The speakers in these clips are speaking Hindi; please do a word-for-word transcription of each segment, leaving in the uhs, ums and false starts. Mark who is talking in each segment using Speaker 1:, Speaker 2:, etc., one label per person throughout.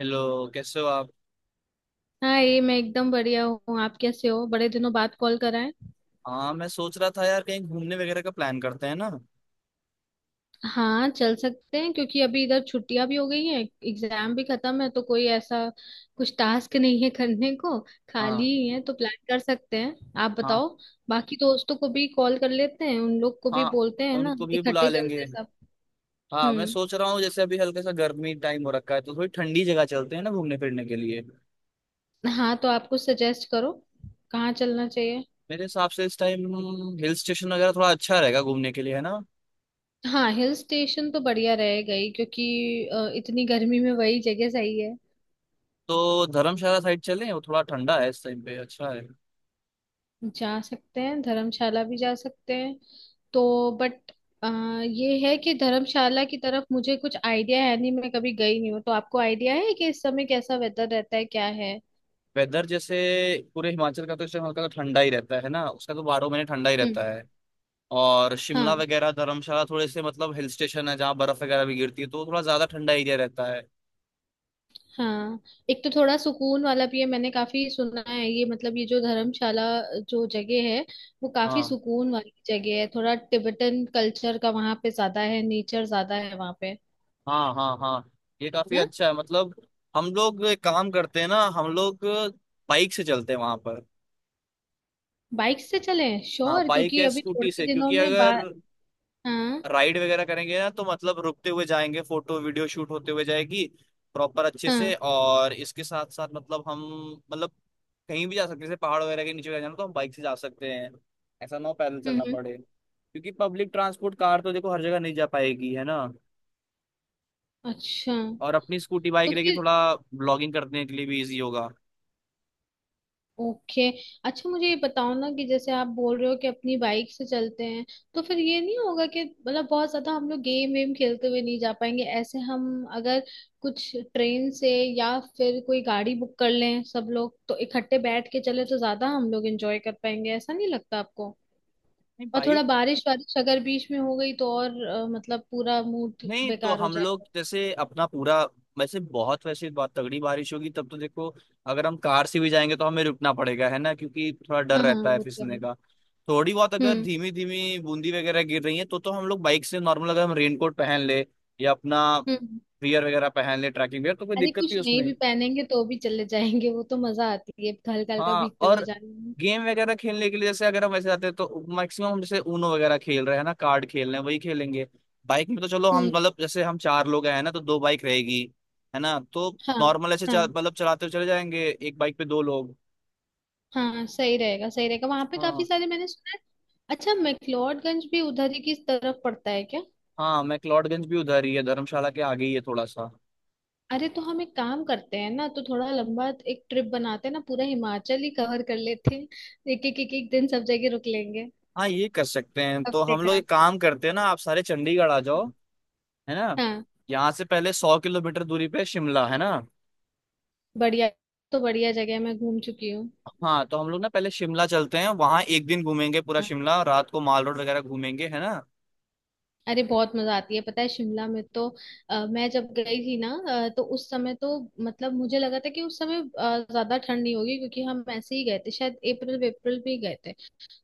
Speaker 1: हेलो, कैसे हो आप।
Speaker 2: हाँ, ये मैं एकदम बढ़िया हूँ। आप कैसे हो? बड़े दिनों बाद कॉल करा है।
Speaker 1: हाँ, मैं सोच रहा था यार कहीं घूमने वगैरह का प्लान करते हैं ना।
Speaker 2: हाँ, चल सकते हैं क्योंकि अभी इधर छुट्टियां भी हो गई हैं। एग्जाम भी खत्म है तो कोई ऐसा कुछ टास्क नहीं है करने को। खाली
Speaker 1: हाँ
Speaker 2: ही है तो प्लान कर सकते हैं। आप
Speaker 1: हाँ
Speaker 2: बताओ। बाकी दोस्तों को भी कॉल कर लेते हैं, उन लोग को भी
Speaker 1: हाँ,
Speaker 2: बोलते हैं ना,
Speaker 1: उनको भी बुला
Speaker 2: इकट्ठे चलते
Speaker 1: लेंगे।
Speaker 2: हैं सब।
Speaker 1: हाँ, मैं
Speaker 2: हम्म।
Speaker 1: सोच रहा हूँ जैसे अभी हल्का सा गर्मी टाइम हो रखा है तो थोड़ी ठंडी जगह चलते हैं ना घूमने फिरने के लिए।
Speaker 2: हाँ तो आप कुछ सजेस्ट करो, कहाँ चलना चाहिए?
Speaker 1: मेरे हिसाब से इस टाइम हिल स्टेशन वगैरह थोड़ा अच्छा रहेगा घूमने के लिए है ना।
Speaker 2: हाँ, हिल स्टेशन तो बढ़िया रहेगा ही क्योंकि अ, इतनी गर्मी में वही जगह सही है।
Speaker 1: तो धर्मशाला साइड चलें, वो थोड़ा ठंडा है इस टाइम पे, अच्छा है।
Speaker 2: जा सकते हैं, धर्मशाला भी जा सकते हैं। तो बट ये है कि धर्मशाला की तरफ मुझे कुछ आइडिया है नहीं, मैं कभी गई नहीं हूँ। तो आपको आइडिया है कि इस समय कैसा वेदर रहता है, क्या है?
Speaker 1: वेदर जैसे पूरे हिमाचल का तो इस टाइम हल्का सा ठंडा ही रहता है ना, उसका तो बारह महीने ठंडा ही रहता
Speaker 2: हम्म।
Speaker 1: है। और शिमला
Speaker 2: हाँ
Speaker 1: वगैरह धर्मशाला थोड़े से मतलब हिल स्टेशन है जहाँ बर्फ वगैरह भी गिरती है तो थोड़ा ज्यादा ठंडा एरिया रहता है।
Speaker 2: हाँ। एक तो थोड़ा सुकून वाला भी है, मैंने काफी सुना है ये, मतलब ये जो धर्मशाला जो जगह है वो काफी
Speaker 1: हाँ
Speaker 2: सुकून वाली जगह है। थोड़ा तिब्बतन कल्चर का वहां पे ज्यादा है, नेचर ज्यादा है वहां पे।
Speaker 1: हाँ हाँ हाँ, ये काफी
Speaker 2: ना
Speaker 1: अच्छा है मतलब। हम लोग एक काम करते हैं ना, हम लोग बाइक से चलते हैं वहां पर।
Speaker 2: बाइक से चलें
Speaker 1: हाँ,
Speaker 2: श्योर,
Speaker 1: बाइक
Speaker 2: क्योंकि
Speaker 1: या
Speaker 2: अभी
Speaker 1: स्कूटी
Speaker 2: थोड़े
Speaker 1: से,
Speaker 2: दिनों
Speaker 1: क्योंकि
Speaker 2: में बा
Speaker 1: अगर
Speaker 2: हाँ
Speaker 1: राइड वगैरह करेंगे ना तो मतलब रुकते हुए जाएंगे, फोटो वीडियो शूट होते हुए जाएगी प्रॉपर अच्छे से।
Speaker 2: हाँ।
Speaker 1: और इसके साथ साथ मतलब हम, मतलब कहीं भी जा सकते हैं जैसे पहाड़ वगैरह के नीचे वगैरह जाना तो हम बाइक से जा सकते हैं। ऐसा ना हो पैदल चलना
Speaker 2: हम्म।
Speaker 1: पड़े, क्योंकि पब्लिक ट्रांसपोर्ट कार तो देखो हर जगह नहीं जा पाएगी है ना।
Speaker 2: अच्छा
Speaker 1: और अपनी स्कूटी बाइक
Speaker 2: तो
Speaker 1: रहेगी,
Speaker 2: फिर
Speaker 1: थोड़ा ब्लॉगिंग करने के लिए भी इजी होगा।
Speaker 2: ओके। अच्छा मुझे ये बताओ ना कि जैसे आप बोल रहे हो कि अपनी बाइक से चलते हैं, तो फिर ये नहीं होगा कि मतलब बहुत ज्यादा हम लोग गेम वेम खेलते हुए नहीं जा पाएंगे? ऐसे हम अगर कुछ ट्रेन से या फिर कोई गाड़ी बुक कर लें सब लोग, तो इकट्ठे बैठ के चले तो ज्यादा हम लोग एंजॉय कर पाएंगे, ऐसा नहीं लगता आपको?
Speaker 1: नहीं,
Speaker 2: और थोड़ा
Speaker 1: बाइक।
Speaker 2: बारिश वारिश अगर बीच में हो गई तो और अ, मतलब पूरा मूड
Speaker 1: नहीं तो
Speaker 2: बेकार हो
Speaker 1: हम लोग
Speaker 2: जाएगा।
Speaker 1: जैसे अपना पूरा, वैसे बहुत वैसे बहुत तगड़ी बारिश होगी तब तो देखो, अगर हम कार से भी जाएंगे तो हमें रुकना पड़ेगा है ना, क्योंकि थोड़ा डर
Speaker 2: हाँ हाँ,
Speaker 1: रहता है
Speaker 2: वो तो
Speaker 1: फिसलने
Speaker 2: है।
Speaker 1: का। थोड़ी बहुत अगर
Speaker 2: हम्म।
Speaker 1: धीमी धीमी बूंदी वगैरह गिर रही है तो तो हम लोग बाइक से नॉर्मल अगर हम रेनकोट पहन ले या अपना
Speaker 2: हम्म।
Speaker 1: वियर वगैरह पहन ले ट्रैकिंग वियर तो कोई
Speaker 2: अरे,
Speaker 1: दिक्कत
Speaker 2: कुछ
Speaker 1: नहीं
Speaker 2: नहीं
Speaker 1: उसमें।
Speaker 2: भी पहनेंगे तो भी चले जाएंगे, वो तो मजा आती है हल्का हल्का
Speaker 1: हाँ।
Speaker 2: भीगते हुए
Speaker 1: और
Speaker 2: जाने में।
Speaker 1: गेम वगैरह खेलने के लिए जैसे अगर हम वैसे जाते हैं तो मैक्सिमम हम जैसे ऊनो वगैरह खेल रहे हैं ना, कार्ड खेल रहे हैं, वही खेलेंगे। बाइक में तो चलो हम
Speaker 2: हम्म।
Speaker 1: मतलब जैसे हम चार लोग हैं ना तो दो बाइक रहेगी, है ना। तो
Speaker 2: हाँ
Speaker 1: नॉर्मल ऐसे चल-
Speaker 2: हाँ
Speaker 1: मतलब चलाते हुए चले जाएंगे, एक बाइक पे दो लोग।
Speaker 2: हाँ, सही रहेगा सही रहेगा। वहां पे काफी
Speaker 1: हाँ,
Speaker 2: सारे मैंने सुना है। अच्छा, मैक्लोडगंज भी उधर ही की तरफ पड़ता है क्या?
Speaker 1: हाँ, मैक्लोडगंज भी उधर ही है, धर्मशाला के आगे ही है थोड़ा सा।
Speaker 2: अरे, तो हम एक काम करते हैं ना, तो थोड़ा लंबा एक ट्रिप बनाते हैं ना, पूरा हिमाचल ही कवर कर लेते हैं। एक एक एक एक दिन सब जगह रुक लेंगे।
Speaker 1: हाँ, ये कर सकते हैं। तो
Speaker 2: हफ्ते
Speaker 1: हम लोग
Speaker 2: का।
Speaker 1: एक काम करते हैं ना, आप सारे चंडीगढ़ आ जाओ, है ना।
Speaker 2: हाँ,
Speaker 1: यहाँ से पहले सौ किलोमीटर दूरी पे शिमला है ना।
Speaker 2: बढ़िया। तो बढ़िया जगह मैं घूम चुकी हूँ।
Speaker 1: हाँ, तो हम लोग ना पहले शिमला चलते हैं, वहां एक दिन घूमेंगे पूरा शिमला, रात को माल रोड वगैरह घूमेंगे है ना।
Speaker 2: अरे, बहुत मजा आती है पता है शिमला में तो। अ, मैं जब गई थी ना, अ, तो उस समय तो मतलब मुझे लगा था कि उस समय अ, ज्यादा ठंड नहीं होगी क्योंकि हम ऐसे ही गए थे, शायद अप्रैल अप्रैल में ही गए थे।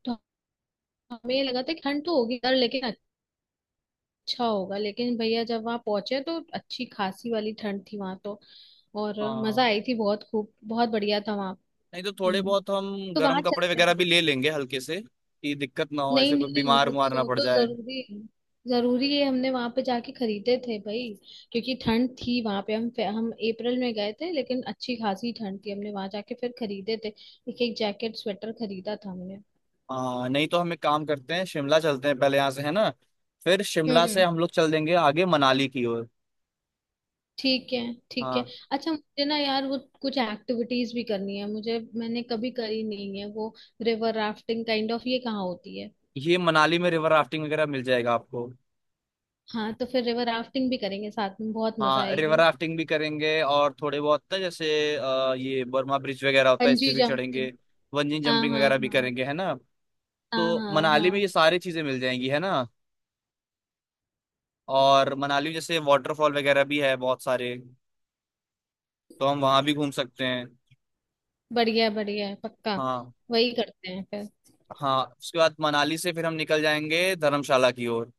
Speaker 2: तो हमें ये लगा था कि ठंड तो होगी यार लेकिन अच्छा होगा, लेकिन भैया जब वहां पहुंचे तो अच्छी खासी वाली ठंड थी वहां तो, और मजा
Speaker 1: हाँ,
Speaker 2: आई थी बहुत खूब, बहुत बढ़िया था वहां।
Speaker 1: नहीं तो थोड़े
Speaker 2: हम्म।
Speaker 1: बहुत हम
Speaker 2: तो
Speaker 1: गर्म
Speaker 2: वहां
Speaker 1: कपड़े
Speaker 2: चलते
Speaker 1: वगैरह
Speaker 2: हैं।
Speaker 1: भी ले लेंगे हल्के से, कि दिक्कत ना हो,
Speaker 2: नहीं
Speaker 1: ऐसे कोई
Speaker 2: नहीं,
Speaker 1: बीमार
Speaker 2: वो
Speaker 1: उमार
Speaker 2: तो
Speaker 1: ना
Speaker 2: वो
Speaker 1: पड़
Speaker 2: तो
Speaker 1: जाए।
Speaker 2: जरूरी है, जरूरी है। हमने वहां पे जाके खरीदे थे भाई क्योंकि ठंड थी वहां पे। हम हम अप्रैल में गए थे लेकिन अच्छी खासी ठंड थी, हमने वहां जाके फिर खरीदे थे, एक एक जैकेट स्वेटर खरीदा था हमने।
Speaker 1: हाँ, नहीं तो हम एक काम करते हैं, शिमला चलते हैं पहले यहाँ से, है ना। फिर शिमला से
Speaker 2: हम्म।
Speaker 1: हम लोग चल देंगे आगे मनाली की ओर।
Speaker 2: ठीक है। ठीक है।
Speaker 1: हाँ,
Speaker 2: अच्छा मुझे ना यार वो कुछ एक्टिविटीज भी करनी है, मुझे, मैंने कभी करी नहीं है वो। रिवर राफ्टिंग काइंड ऑफ ये कहाँ होती है?
Speaker 1: ये मनाली में रिवर राफ्टिंग वगैरह मिल जाएगा आपको।
Speaker 2: हाँ, तो फिर रिवर राफ्टिंग भी करेंगे साथ में, बहुत मजा
Speaker 1: हाँ, रिवर
Speaker 2: आएगी।
Speaker 1: राफ्टिंग भी करेंगे और थोड़े बहुत ना जैसे अ, ये बर्मा ब्रिज वगैरह होता है, इस पे
Speaker 2: बंजी
Speaker 1: भी
Speaker 2: जंपिंग।
Speaker 1: चढ़ेंगे। बंजी
Speaker 2: हाँ
Speaker 1: जंपिंग
Speaker 2: हाँ
Speaker 1: वगैरह भी
Speaker 2: हाँ।
Speaker 1: करेंगे है ना।
Speaker 2: हाँ
Speaker 1: तो
Speaker 2: हाँ
Speaker 1: मनाली में
Speaker 2: हाँ।
Speaker 1: ये सारी चीजें मिल जाएंगी है ना। और मनाली में जैसे वाटरफॉल वगैरह भी है बहुत सारे, तो हम वहां भी घूम सकते हैं।
Speaker 2: बढ़िया, बढ़िया है, पक्का।
Speaker 1: हाँ।
Speaker 2: वही करते हैं फिर।
Speaker 1: हाँ, उसके बाद मनाली से फिर हम निकल जाएंगे धर्मशाला की ओर।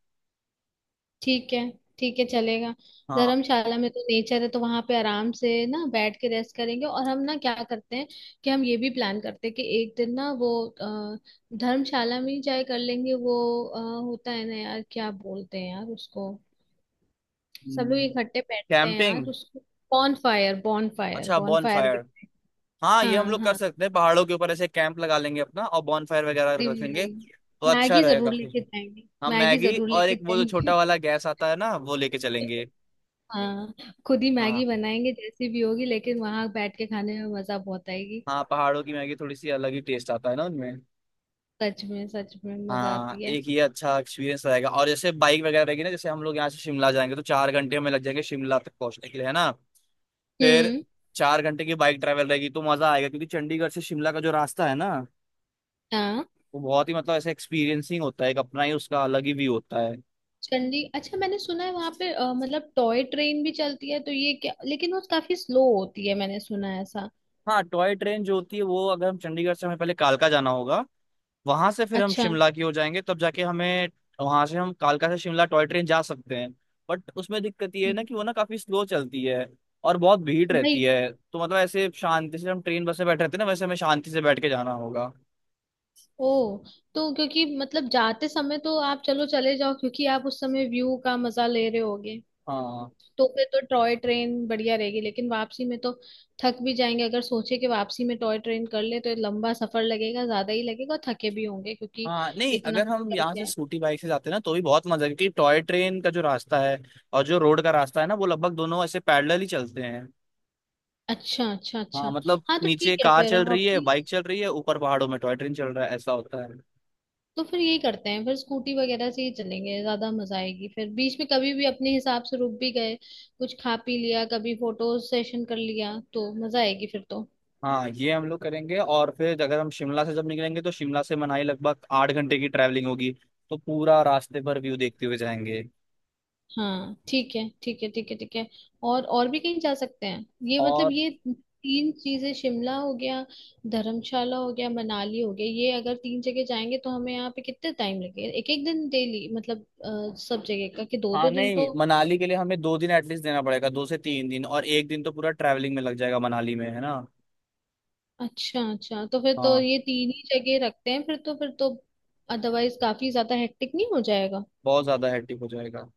Speaker 2: ठीक है, ठीक है चलेगा।
Speaker 1: हाँ।
Speaker 2: धर्मशाला में तो नेचर है तो वहां पे आराम से ना बैठ के रेस्ट करेंगे। और हम ना क्या करते हैं कि हम ये भी प्लान करते हैं कि एक दिन ना वो अ, धर्मशाला में ही जाए कर लेंगे वो। अ, होता है ना यार, क्या बोलते हैं यार उसको? सब लोग इकट्ठे बैठते हैं यार
Speaker 1: कैंपिंग।
Speaker 2: उसको। बॉन फायर, बॉन फायर,
Speaker 1: अच्छा,
Speaker 2: बॉन
Speaker 1: बॉन
Speaker 2: फायर भी
Speaker 1: फायर।
Speaker 2: करें।
Speaker 1: हाँ, ये हम
Speaker 2: हाँ
Speaker 1: लोग कर
Speaker 2: हाँ।
Speaker 1: सकते हैं, पहाड़ों के ऊपर ऐसे कैंप लगा लेंगे अपना और बॉन फायर वगैरह रखेंगे तो अच्छा
Speaker 2: मैगी
Speaker 1: रहेगा।
Speaker 2: जरूर लेके जाएंगे।
Speaker 1: हम
Speaker 2: मैगी
Speaker 1: मैगी
Speaker 2: जरूर
Speaker 1: और
Speaker 2: लेके
Speaker 1: एक वो जो
Speaker 2: जाएंगे।
Speaker 1: छोटा वाला गैस आता है ना वो लेके चलेंगे।
Speaker 2: हाँ। खुद ही
Speaker 1: हाँ।
Speaker 2: मैगी बनाएंगे जैसी भी होगी, लेकिन वहां बैठ के खाने में मजा बहुत आएगी।
Speaker 1: हाँ, पहाड़ों की मैगी थोड़ी सी अलग ही टेस्ट आता है ना उनमें।
Speaker 2: सच में, सच में मजा
Speaker 1: हाँ,
Speaker 2: आती है।
Speaker 1: एक ये अच्छा एक्सपीरियंस रहेगा। और जैसे बाइक वगैरह रहेगी ना, जैसे हम लोग यहाँ से शिमला जाएंगे तो चार घंटे में लग जाएंगे शिमला तक पहुंचने के लिए है ना। फिर
Speaker 2: हम्म।
Speaker 1: चार घंटे की बाइक ट्रैवल रहेगी, तो मजा आएगा क्योंकि चंडीगढ़ से शिमला का जो रास्ता है ना
Speaker 2: हाँ।
Speaker 1: वो बहुत ही मतलब ऐसे एक्सपीरियंसिंग होता है, एक अपना ही उसका अलग ही व्यू होता है।
Speaker 2: चंडी, अच्छा मैंने सुना है वहां पे अ, मतलब टॉय ट्रेन भी चलती है तो ये क्या, लेकिन वो काफी स्लो होती है मैंने सुना है ऐसा।
Speaker 1: हाँ, टॉय ट्रेन जो होती है वो, अगर हम चंडीगढ़ से, हमें पहले कालका जाना होगा, वहां से फिर हम
Speaker 2: अच्छा।
Speaker 1: शिमला की हो जाएंगे तब जाके हमें, वहां से हम कालका से शिमला टॉय ट्रेन जा सकते हैं। बट उसमें दिक्कत ये है ना
Speaker 2: हम्म।
Speaker 1: कि वो ना काफी स्लो चलती है और बहुत भीड़
Speaker 2: वही।
Speaker 1: रहती है, तो मतलब ऐसे शांति से हम ट्रेन बस में बैठे रहते हैं ना, वैसे हमें शांति से बैठ के जाना होगा।
Speaker 2: ओ, तो क्योंकि मतलब जाते समय तो आप चलो चले जाओ, क्योंकि आप उस समय व्यू का मजा ले रहे होगे,
Speaker 1: हाँ।
Speaker 2: तो फिर तो टॉय ट्रेन बढ़िया रहेगी। लेकिन वापसी में तो थक भी जाएंगे, अगर सोचे कि वापसी में टॉय ट्रेन कर ले तो ये लंबा सफर लगेगा, ज्यादा ही लगेगा और थके भी होंगे क्योंकि
Speaker 1: हाँ, नहीं,
Speaker 2: इतना
Speaker 1: अगर
Speaker 2: कुछ
Speaker 1: हम यहाँ
Speaker 2: करके
Speaker 1: से
Speaker 2: आए।
Speaker 1: स्कूटी बाइक से जाते हैं ना तो भी बहुत मजा है, क्योंकि टॉय ट्रेन का जो रास्ता है और जो रोड का रास्ता है ना वो लगभग दोनों ऐसे पैरेलल ही चलते हैं।
Speaker 2: अच्छा अच्छा
Speaker 1: हाँ,
Speaker 2: अच्छा।
Speaker 1: मतलब
Speaker 2: हाँ, तो
Speaker 1: नीचे
Speaker 2: ठीक है।
Speaker 1: कार
Speaker 2: फिर
Speaker 1: चल
Speaker 2: हम
Speaker 1: रही है,
Speaker 2: अपनी,
Speaker 1: बाइक चल रही है, ऊपर पहाड़ों में टॉय ट्रेन चल रहा है, ऐसा होता है।
Speaker 2: तो फिर यही करते हैं, फिर स्कूटी वगैरह से ही चलेंगे, ज्यादा मजा आएगी। फिर बीच में कभी भी अपने हिसाब से रुक भी गए, कुछ खा पी लिया, कभी फोटो सेशन कर लिया, तो मजा आएगी फिर तो।
Speaker 1: हाँ, ये हम लोग करेंगे। और फिर अगर हम शिमला से जब निकलेंगे तो शिमला से मनाली लगभग आठ घंटे की ट्रैवलिंग होगी, तो पूरा रास्ते भर व्यू देखते हुए जाएंगे।
Speaker 2: हाँ, ठीक है ठीक है ठीक है ठीक है। और और भी कहीं जा सकते हैं? ये मतलब
Speaker 1: और
Speaker 2: ये तीन चीजें, शिमला हो गया, धर्मशाला हो गया, मनाली हो गया। ये अगर तीन जगह जाएंगे तो हमें यहाँ पे कितने टाइम लगेगा, एक एक दिन डेली मतलब अ, सब जगह का, कि दो
Speaker 1: हाँ,
Speaker 2: दो दिन तो?
Speaker 1: नहीं, मनाली के लिए हमें दो दिन एटलीस्ट देना पड़ेगा, दो से तीन दिन, और एक दिन तो पूरा ट्रैवलिंग में लग जाएगा मनाली में, है ना।
Speaker 2: अच्छा अच्छा, तो फिर तो
Speaker 1: हाँ।
Speaker 2: ये तीन ही जगह रखते हैं फिर तो, फिर तो अदरवाइज काफी ज्यादा हेक्टिक नहीं हो जाएगा?
Speaker 1: बहुत ज्यादा हेक्टिक हो जाएगा।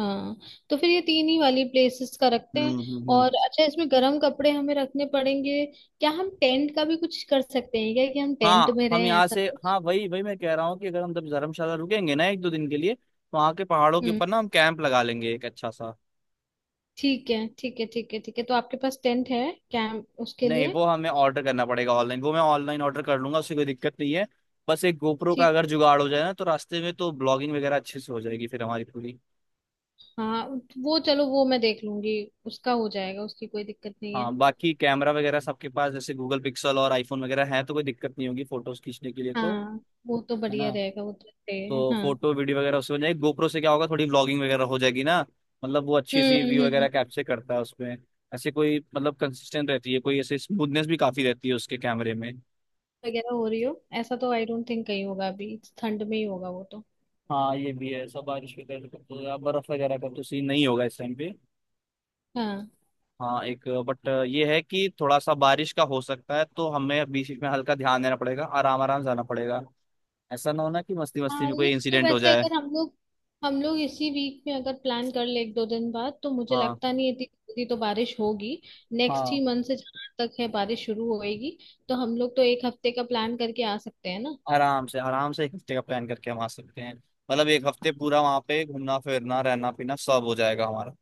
Speaker 2: हाँ। तो फिर ये तीन ही वाली प्लेसेस का रखते हैं।
Speaker 1: हम्म हम्म हम्म।
Speaker 2: और अच्छा, इसमें गर्म कपड़े हमें रखने पड़ेंगे क्या? हम टेंट का भी कुछ कर सकते हैं क्या, कि हम टेंट
Speaker 1: हाँ,
Speaker 2: में
Speaker 1: हम
Speaker 2: रहें,
Speaker 1: यहाँ
Speaker 2: ऐसा
Speaker 1: से,
Speaker 2: कुछ?
Speaker 1: हाँ वही वही मैं कह रहा हूँ, कि अगर हम जब धर्मशाला रुकेंगे ना एक दो दिन के लिए, तो वहाँ के पहाड़ों के
Speaker 2: हम्म।
Speaker 1: ऊपर ना हम कैंप लगा लेंगे एक अच्छा सा।
Speaker 2: ठीक है ठीक है ठीक है ठीक है। तो आपके पास टेंट है, कैंप उसके
Speaker 1: नहीं,
Speaker 2: लिए?
Speaker 1: वो हमें ऑर्डर करना पड़ेगा ऑनलाइन, वो मैं ऑनलाइन ऑर्डर कर लूंगा, उससे कोई दिक्कत नहीं है। बस एक गोप्रो का
Speaker 2: ठीक।
Speaker 1: अगर जुगाड़ हो जाए ना तो रास्ते में तो ब्लॉगिंग वगैरह अच्छे से हो जाएगी फिर हमारी पूरी।
Speaker 2: हाँ, वो चलो, वो मैं देख लूंगी, उसका हो जाएगा, उसकी कोई दिक्कत नहीं है।
Speaker 1: हाँ, बाकी कैमरा वगैरह सबके पास जैसे गूगल पिक्सल और आईफोन वगैरह है तो कोई दिक्कत नहीं होगी फोटोज खींचने के लिए तो,
Speaker 2: हाँ, वो तो
Speaker 1: है
Speaker 2: बढ़िया
Speaker 1: ना।
Speaker 2: रहेगा, वो तो
Speaker 1: तो
Speaker 2: रहेगा हाँ।
Speaker 1: फोटो वीडियो वगैरह उससे हो जाएगी, गोप्रो से क्या होगा थोड़ी ब्लॉगिंग वगैरह हो जाएगी ना, मतलब वो अच्छी सी
Speaker 2: हम्म।
Speaker 1: व्यू वगैरह
Speaker 2: हम्म।
Speaker 1: कैप्चर करता है उसमें, ऐसे कोई मतलब कंसिस्टेंट रहती है, कोई ऐसे स्मूथनेस भी काफी रहती है उसके कैमरे में।
Speaker 2: वगैरह हो रही हो, ऐसा तो आई डोंट थिंक कहीं होगा, अभी ठंड में ही होगा वो तो।
Speaker 1: हाँ, ये भी है, सब बारिश के कारण तो या बर्फ वगैरह का तो सीन नहीं होगा इस टाइम पे।
Speaker 2: हाँ।
Speaker 1: हाँ, एक बट ये है कि थोड़ा सा बारिश का हो सकता है तो हमें बीच बीच में हल्का ध्यान देना पड़ेगा, आराम आराम जाना पड़ेगा, ऐसा ना होना कि मस्ती मस्ती
Speaker 2: हाँ,
Speaker 1: में कोई
Speaker 2: लिस्ट तो
Speaker 1: इंसिडेंट हो
Speaker 2: वैसे,
Speaker 1: जाए।
Speaker 2: अगर हम लोग हम लोग इसी वीक में अगर प्लान कर ले, एक दो दिन बाद, तो मुझे
Speaker 1: हाँ
Speaker 2: लगता नहीं है इतनी जल्दी तो बारिश होगी। नेक्स्ट
Speaker 1: हाँ,
Speaker 2: ही मंथ से जहाँ तक है बारिश शुरू होएगी, तो हम लोग तो एक हफ्ते का प्लान करके आ सकते हैं ना।
Speaker 1: आराम से आराम से एक हफ्ते का प्लान करके हम आ सकते हैं, मतलब एक हफ्ते पूरा वहाँ पे घूमना फिरना रहना पीना सब हो जाएगा हमारा।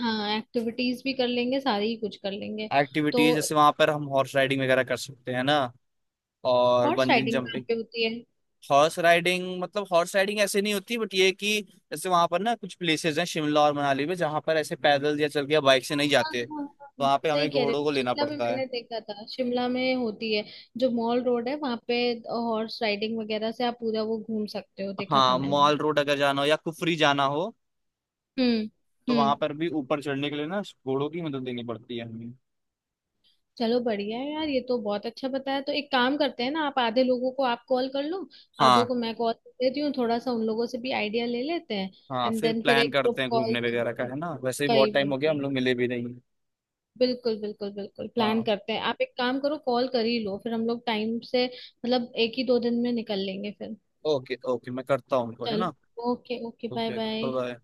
Speaker 2: हाँ, एक्टिविटीज भी कर लेंगे सारी ही, कुछ कर लेंगे। तो
Speaker 1: एक्टिविटीज जैसे वहां पर हम हॉर्स राइडिंग वगैरह कर सकते हैं ना, और
Speaker 2: हॉर्स
Speaker 1: बंजिंग
Speaker 2: राइडिंग कहाँ
Speaker 1: जंपिंग।
Speaker 2: पे होती है?
Speaker 1: हॉर्स राइडिंग मतलब, हॉर्स राइडिंग ऐसे नहीं होती, बट ये है कि जैसे वहां पर ना कुछ प्लेसेस हैं शिमला और मनाली में जहां पर ऐसे पैदल या चल के या बाइक से नहीं
Speaker 2: हाँ,
Speaker 1: जाते
Speaker 2: हाँ,
Speaker 1: तो
Speaker 2: हाँ,
Speaker 1: वहां पे
Speaker 2: सही
Speaker 1: हमें
Speaker 2: कह रहे
Speaker 1: घोड़ों को
Speaker 2: हो,
Speaker 1: लेना
Speaker 2: शिमला में
Speaker 1: पड़ता है।
Speaker 2: मैंने देखा था, शिमला में होती है। जो मॉल रोड है वहां पे हॉर्स राइडिंग वगैरह से आप पूरा वो घूम सकते हो, देखा था
Speaker 1: हाँ,
Speaker 2: मैंने।
Speaker 1: मॉल रोड अगर जाना हो या कुफरी जाना हो
Speaker 2: हम्म।
Speaker 1: तो
Speaker 2: हम्म।
Speaker 1: वहां पर भी ऊपर चढ़ने के लिए ना घोड़ों की मदद लेनी पड़ती है हमें।
Speaker 2: चलो बढ़िया है यार, ये तो बहुत अच्छा बताया। तो एक काम करते हैं ना, आप आधे लोगों को आप कॉल कर लो, आधों
Speaker 1: हाँ
Speaker 2: को मैं कॉल कर देती हूँ, थोड़ा सा उन लोगों से भी आइडिया ले लेते हैं।
Speaker 1: हाँ,
Speaker 2: एंड
Speaker 1: फिर
Speaker 2: देन फिर
Speaker 1: प्लान
Speaker 2: एक
Speaker 1: करते
Speaker 2: ग्रुप
Speaker 1: हैं
Speaker 2: कॉल
Speaker 1: घूमने वगैरह का
Speaker 2: करके।
Speaker 1: है ना, वैसे भी
Speaker 2: भाई
Speaker 1: बहुत टाइम
Speaker 2: भाई
Speaker 1: हो गया हम
Speaker 2: भाई,
Speaker 1: लोग मिले भी नहीं।
Speaker 2: बिल्कुल बिल्कुल बिल्कुल प्लान
Speaker 1: हाँ,
Speaker 2: करते हैं। आप एक काम करो, कॉल कर ही लो, फिर हम लोग टाइम से मतलब एक ही दो दिन में निकल लेंगे फिर।
Speaker 1: ओके ओके, मैं करता हूँ उनको है ना।
Speaker 2: चलो okay okay, bye
Speaker 1: okay okay
Speaker 2: bye.
Speaker 1: Bye.